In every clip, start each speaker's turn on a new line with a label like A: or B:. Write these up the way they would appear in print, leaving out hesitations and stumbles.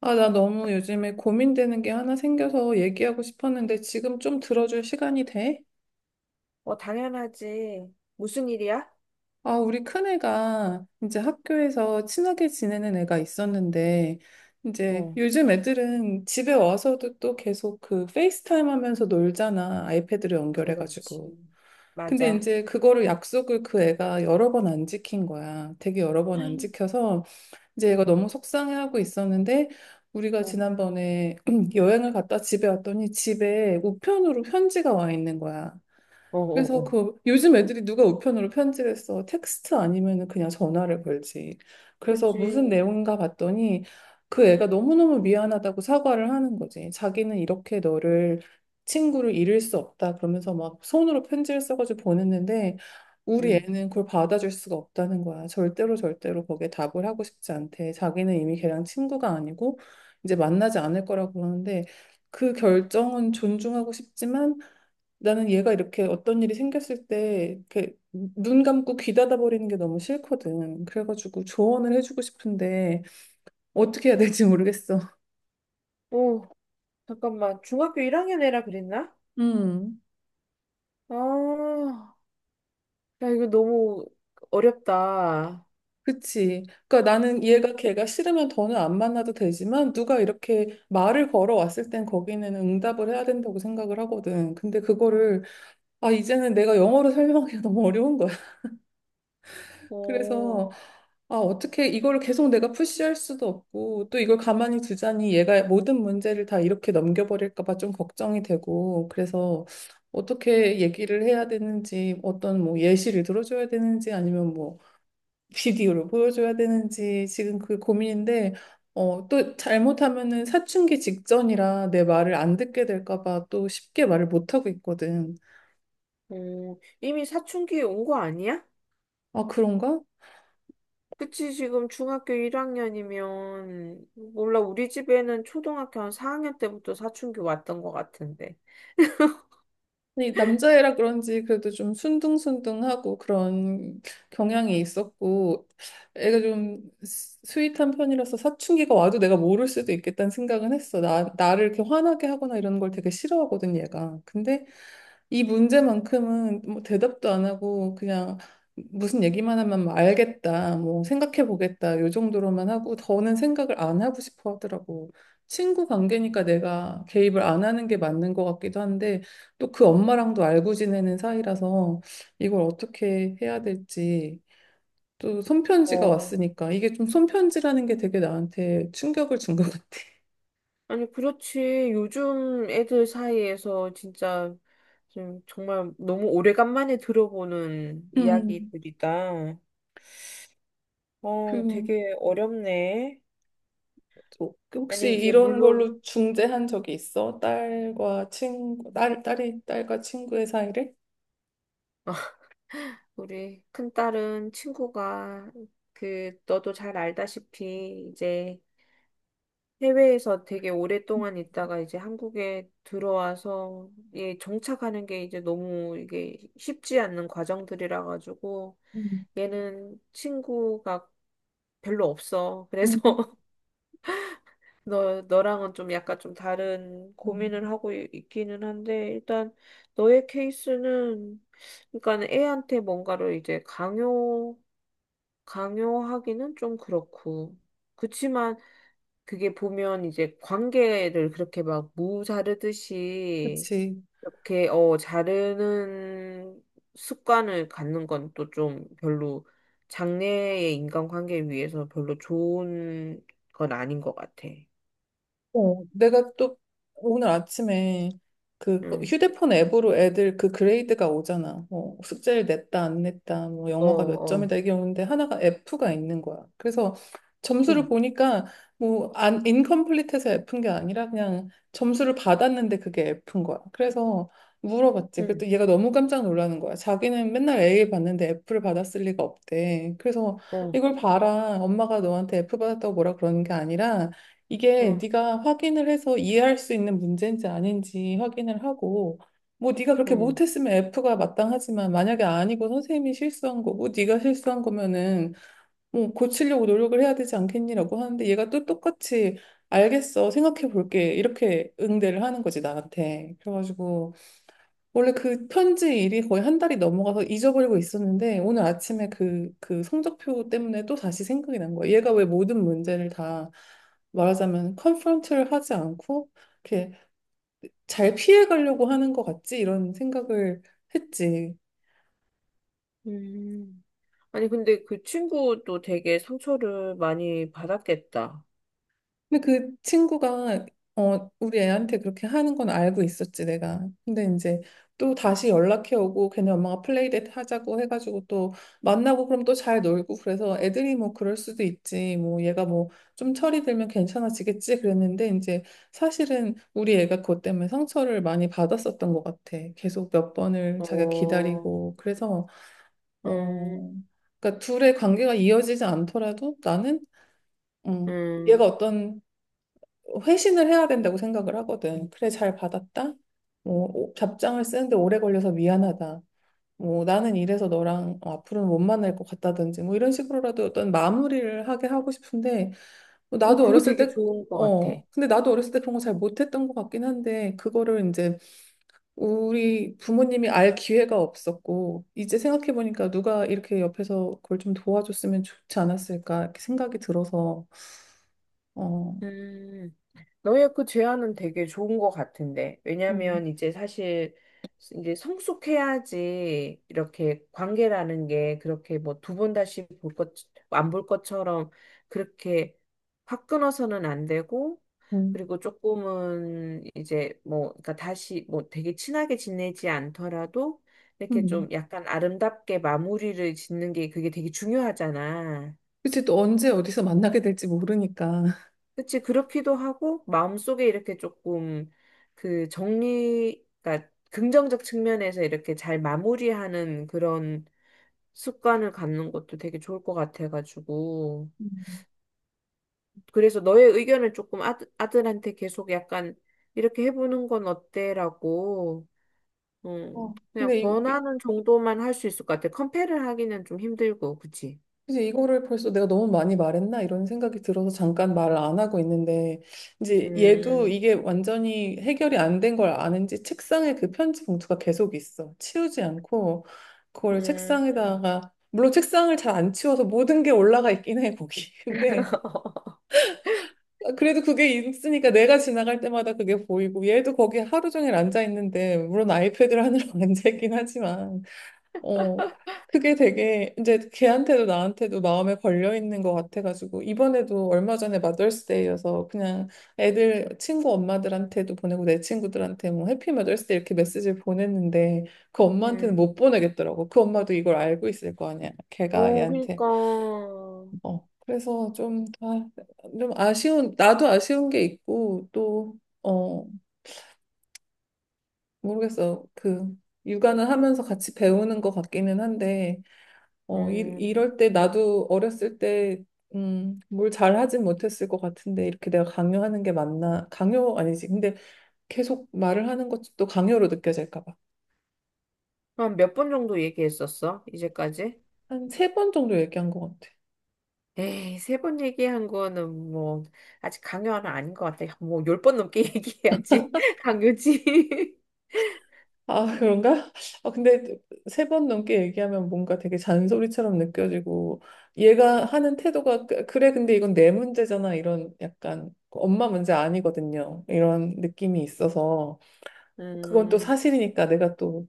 A: 아, 나 너무 요즘에 고민되는 게 하나 생겨서 얘기하고 싶었는데 지금 좀 들어줄 시간이 돼?
B: 어, 당연하지. 무슨 일이야?
A: 아, 우리 큰애가 이제 학교에서 친하게 지내는 애가 있었는데 이제
B: 어,
A: 요즘 애들은 집에 와서도 또 계속 그 페이스타임 하면서 놀잖아. 아이패드로 연결해가지고.
B: 그렇지.
A: 근데
B: 맞아.
A: 이제 그거를 약속을 그 애가 여러 번 안 지킨 거야. 되게 여러 번 안 지켜서 이제 얘가
B: 어,
A: 너무 속상해하고 있었는데 우리가
B: 어,
A: 지난번에 여행을 갔다 집에 왔더니 집에 우편으로 편지가 와 있는 거야.
B: 어, 어,
A: 그래서
B: 어.
A: 그 요즘 애들이 누가 우편으로 편지를 써 텍스트 아니면은 그냥 전화를 걸지. 그래서 무슨
B: 그치.
A: 내용인가 봤더니 그 애가 너무너무 미안하다고 사과를 하는 거지. 자기는 이렇게 너를 친구를 잃을 수 없다 그러면서 막 손으로 편지를 써가지고 보냈는데 우리
B: 응.
A: 애는 그걸 받아줄 수가 없다는 거야. 절대로 절대로 거기에 답을 하고 싶지 않대. 자기는 이미 걔랑 친구가 아니고 이제 만나지 않을 거라고 그러는데 그 결정은 존중하고 싶지만 나는 얘가 이렇게 어떤 일이 생겼을 때 이렇게 눈 감고 귀 닫아버리는 게 너무 싫거든. 그래가지고 조언을 해주고 싶은데 어떻게 해야 될지 모르겠어.
B: 오, 잠깐만. 중학교 1학년 애라 그랬나?
A: 음,
B: 아, 야, 이거 너무 어렵다.
A: 그치. 그러니까 나는 얘가 걔가 싫으면 더는 안 만나도 되지만 누가 이렇게 말을 걸어왔을 땐 거기는 응답을 해야 된다고 생각을 하거든. 근데 그거를 아, 이제는 내가 영어로 설명하기가 너무 어려운 거야.
B: 어,
A: 그래서 아, 어떻게 이걸 계속 내가 푸시할 수도 없고 또 이걸 가만히 두자니 얘가 모든 문제를 다 이렇게 넘겨버릴까 봐 좀 걱정이 되고 그래서 어떻게 얘기를 해야 되는지 어떤 뭐 예시를 들어줘야 되는지 아니면 뭐 비디오를 보여줘야 되는지 지금 그 고민인데 어, 또 잘못하면은 사춘기 직전이라 내 말을 안 듣게 될까 봐 또 쉽게 말을 못 하고 있거든.
B: 어, 이미 사춘기에 온 거 아니야?
A: 아, 그런가?
B: 그치, 지금 중학교 1학년이면, 몰라, 우리 집에는 초등학교 한 4학년 때부터 사춘기 왔던 것 같은데.
A: 이 남자애라 그런지 그래도 좀 순둥순둥하고 그런 경향이 있었고 애가 좀 스윗한 편이라서 사춘기가 와도 내가 모를 수도 있겠다는 생각은 했어. 나를 이렇게 화나게 하거나 이런 걸 되게 싫어하거든 얘가. 근데 이 문제만큼은 뭐 대답도 안 하고 그냥 무슨 얘기만 하면 뭐 알겠다, 뭐 생각해 보겠다 요 정도로만 하고 더는 생각을 안 하고 싶어 하더라고. 친구 관계니까 내가 개입을 안 하는 게 맞는 것 같기도 한데 또 그 엄마랑도 알고 지내는 사이라서 이걸 어떻게 해야 될지 또 손편지가
B: 어,
A: 왔으니까 이게 좀 손편지라는 게 되게 나한테 충격을 준 것 같아.
B: 아니, 그렇지. 요즘 애들 사이에서 진짜 좀 정말 너무 오래간만에 들어보는
A: 음,
B: 이야기들이다. 어,
A: 그,
B: 되게 어렵네.
A: 또 혹시
B: 아니, 이제
A: 이런
B: 물론
A: 걸로 중재한 적이 있어? 딸과 친구의 사이를?
B: 우리 큰딸은 친구가, 그, 너도 잘 알다시피 이제 해외에서 되게 오랫동안 있다가 이제 한국에 들어와서, 예, 정착하는 게 이제 너무 이게 쉽지 않는 과정들이라 가지고
A: 음,
B: 얘는 친구가 별로 없어. 그래서
A: 음.
B: 너랑은 좀 약간 좀 다른
A: 음.
B: 고민을 하고 있기는 한데, 일단 너의 케이스는, 그러니까 애한테 뭔가를 이제 강요하기는 좀 그렇고. 그치만 그게 보면 이제 관계를 그렇게 막 무자르듯이
A: 그치.
B: 이렇게 자르는 습관을 갖는 건 또 좀 별로 장래의 인간관계에 위해서 별로 좋은 건 아닌 것 같아.
A: 어, 내가 또 오늘 아침에 그
B: 응,
A: 휴대폰 앱으로 애들 그 그레이드가 오잖아. 뭐 숙제를 냈다, 안 냈다, 뭐
B: 어,
A: 영어가 몇
B: 어.
A: 점이다 이게 오는데 하나가 F가 있는 거야. 그래서 점수를
B: 어.
A: 보니까 뭐 안, 인컴플리트해서 F인 게 아니라 그냥 점수를 받았는데 그게 F인 거야. 그래서 물어봤지.
B: 응,
A: 그랬더니 얘가 너무 깜짝 놀라는 거야. 자기는 맨날 A 받는데 F를 받았을 리가 없대. 그래서
B: 어,
A: 이걸 봐라. 엄마가 너한테 F 받았다고 뭐라 그러는 게 아니라 이게
B: 어.
A: 네가 확인을 해서 이해할 수 있는 문제인지 아닌지 확인을 하고 뭐 네가 그렇게
B: 응.
A: 못했으면 F가 마땅하지만 만약에 아니고 선생님이 실수한 거고 네가 실수한 거면은 뭐 고치려고 노력을 해야 되지 않겠니라고 하는데 얘가 또 똑같이 알겠어 생각해 볼게 이렇게 응대를 하는 거지 나한테 그래가지고 원래 그 편지 일이 거의 한 달이 넘어가서 잊어버리고 있었는데 오늘 아침에 그 성적표 때문에 또 다시 생각이 난 거야. 얘가 왜 모든 문제를 다 말하자면 컨프런트를 하지 않고 이렇게 잘 피해가려고 하는 것 같지? 이런 생각을 했지.
B: 음. 아니, 근데 그 친구도 되게 상처를 많이 받았겠다.
A: 근데 그 친구가 어 우리 애한테 그렇게 하는 건 알고 있었지 내가. 근데 이제 또 다시 연락해 오고 걔네 엄마가 플레이데이트 하자고 해가지고 또 만나고 그럼 또 잘 놀고 그래서 애들이 뭐 그럴 수도 있지 뭐 얘가 뭐 좀 철이 들면 괜찮아지겠지 그랬는데 이제 사실은 우리 애가 그것 때문에 상처를 많이 받았었던 것 같아. 계속 몇 번을 자기가
B: 어,
A: 기다리고 그래서
B: 음,
A: 어 그러니까 둘의 관계가 이어지지 않더라도 나는 음,
B: 음.
A: 얘가 어떤 회신을 해야 된다고 생각을 하거든. 그래, 잘 받았다. 뭐, 답장을 쓰는데 오래 걸려서 미안하다. 뭐, 나는 이래서 너랑 어, 앞으로는 못 만날 것 같다든지, 뭐, 이런 식으로라도 어떤 마무리를 하게 하고 싶은데, 뭐
B: 어,
A: 나도
B: 그거
A: 어렸을
B: 되게
A: 때,
B: 좋은 것 같아.
A: 어, 근데 나도 어렸을 때 그런 거 잘 못했던 것 같긴 한데, 그거를 이제 우리 부모님이 알 기회가 없었고, 이제 생각해보니까 누가 이렇게 옆에서 그걸 좀 도와줬으면 좋지 않았을까, 이렇게 생각이 들어서, 어,
B: 음. 너의 그 제안은 되게 좋은 것 같은데.
A: 음,
B: 왜냐면 이제 사실 이제 성숙해야지, 이렇게 관계라는 게 그렇게 뭐 두 번 다시 볼 것, 안 볼 것처럼 그렇게 확 끊어서는 안 되고,
A: 음,
B: 그리고 조금은 이제 뭐, 그러니까 다시 뭐 되게 친하게 지내지 않더라도 이렇게
A: 음.
B: 좀 약간 아름답게 마무리를 짓는 게, 그게 되게 중요하잖아.
A: 그치, 또 언제 어디서 만나게 될지 모르니까.
B: 그치, 그렇기도 하고, 마음속에 이렇게 조금 그 정리, 그러니까 긍정적 측면에서 이렇게 잘 마무리하는 그런 습관을 갖는 것도 되게 좋을 것 같아가지고.
A: 음.
B: 그래서 너의 의견을 조금 아들한테 계속 약간 이렇게 해보는 건 어때라고,
A: 어,
B: 그냥
A: 근데
B: 권하는 정도만 할 수 있을 것 같아. 컴패를 하기는 좀 힘들고, 그치?
A: 이제 이거를 벌써 내가 너무 많이 말했나? 이런 생각이 들어서 잠깐 말을 안 하고 있는데, 이제 얘도
B: 음,
A: 이게 완전히 해결이 안 된 걸 아는지 책상에 그 편지 봉투가 계속 있어. 치우지 않고, 그걸
B: 음,
A: 책상에다가, 물론 책상을 잘 안 치워서 모든 게 올라가 있긴 해, 거기. 근데, 아, 그래도 그게 있으니까 내가 지나갈 때마다 그게 보이고, 얘도 거기 하루 종일 앉아 있는데, 물론 아이패드를 하느라 앉아 있긴 하지만, 어, 그게 되게 이제 걔한테도 나한테도 마음에 걸려 있는 것 같아가지고 이번에도 얼마 전에 마더스데이여서 그냥 애들 친구 엄마들한테도 보내고 내 친구들한테 뭐 해피 마더스데이 이렇게 메시지를 보냈는데 그 엄마한테는
B: 음,
A: 못 보내겠더라고. 그 엄마도 이걸 알고 있을 거 아니야. 걔가
B: 어,
A: 얘한테
B: 그니까.
A: 어 그래서 좀, 아, 좀 아쉬운 나도 아쉬운 게 있고 또 어 모르겠어 그 육아는 하면서 같이 배우는 것 같기는 한데. 어, 이,
B: 음.
A: 이럴 때 나도 어렸을 때, 뭘 잘하진 못했을 것 같은데, 이렇게 내가 강요하는 게 맞나? 강요 아니지. 근데 계속 말을 하는 것도 강요로 느껴질까 봐.
B: 그럼 몇 번 정도 얘기했었어? 이제까지?
A: 한 세 번 정도 얘기한 것 같아.
B: 에이, 세 번 얘기한 거는 뭐, 아직 강요는 하 아닌 것 같아. 뭐, 열 번 넘게 얘기해야지. 강요지.
A: 아, 그런가? 아, 근데 세 번 넘게 얘기하면 뭔가 되게 잔소리처럼 느껴지고, 얘가 하는 태도가, 그래, 근데 이건 내 문제잖아. 이런 약간, 엄마 문제 아니거든요. 이런 느낌이 있어서, 그건 또
B: 음,
A: 사실이니까 내가 또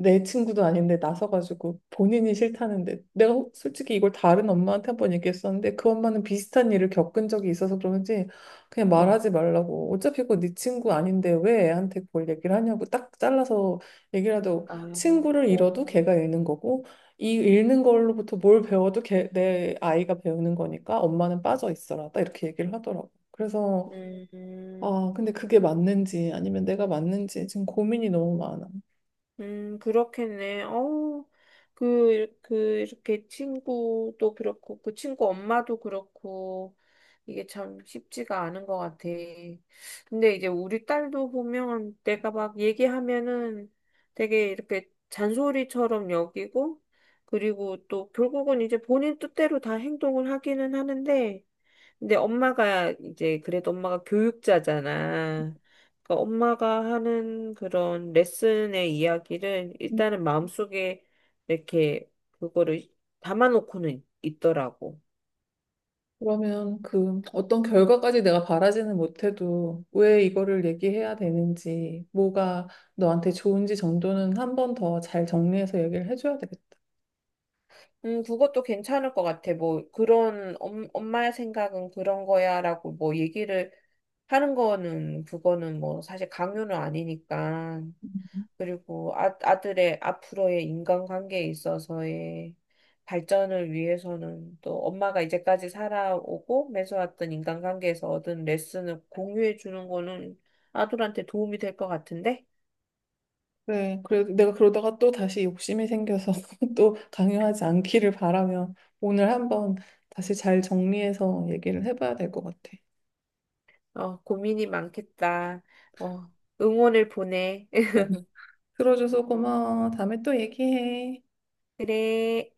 A: 내 친구도 아닌데 나서가지고 본인이 싫다는데 내가 솔직히 이걸 다른 엄마한테 한번 얘기했었는데 그 엄마는 비슷한 일을 겪은 적이 있어서 그런지 그냥
B: 어,
A: 말하지 말라고 어차피 그거 네 친구 아닌데 왜 애한테 그걸 얘기를 하냐고 딱 잘라서 얘기를 하고
B: 아,
A: 친구를 잃어도
B: 뭐,
A: 걔가 잃는 거고 이 잃는 걸로부터 뭘 배워도 걔, 내 아이가 배우는 거니까 엄마는 빠져 있어라 딱 이렇게 얘기를 하더라고. 그래서
B: 음.
A: 아 근데 그게 맞는지 아니면 내가 맞는지 지금 고민이 너무 많아.
B: 그렇겠네. 어, 그, 그, 이렇게 친구도 그렇고, 그 친구 엄마도 그렇고, 이게 참 쉽지가 않은 것 같아. 근데 이제 우리 딸도 보면 내가 막 얘기하면은 되게 이렇게 잔소리처럼 여기고, 그리고 또 결국은 이제 본인 뜻대로 다 행동을 하기는 하는데, 근데 엄마가 이제, 그래도 엄마가 교육자잖아. 그러니까 엄마가 하는 그런 레슨의 이야기를 일단은 마음속에 이렇게 그거를 담아놓고는 있더라고.
A: 그러면 그 어떤 결과까지 내가 바라지는 못해도 왜 이거를 얘기해야 되는지, 뭐가 너한테 좋은지 정도는 한 번 더 잘 정리해서 얘기를 해줘야 되겠다.
B: 그것도 괜찮을 것 같아. 뭐 그런 엄마의 생각은 그런 거야라고 뭐 얘기를 하는 거는, 그거는 뭐 사실 강요는 아니니까. 그리고 아들의 앞으로의 인간관계에 있어서의 발전을 위해서는, 또 엄마가 이제까지 살아오고 맺어왔던 인간관계에서 얻은 레슨을 공유해 주는 거는 아들한테 도움이 될 것 같은데?
A: 그래, 그래, 내가 그러다가 또 다시 욕심이 생겨서 또 강요하지 않기를 바라며 오늘 한번 다시 잘 정리해서 얘기를 해봐야 될 것 같아.
B: 어, 고민이 많겠다. 어, 응원을 보내.
A: 어, 들어줘서 고마워. 다음에 또 얘기해.
B: 그래.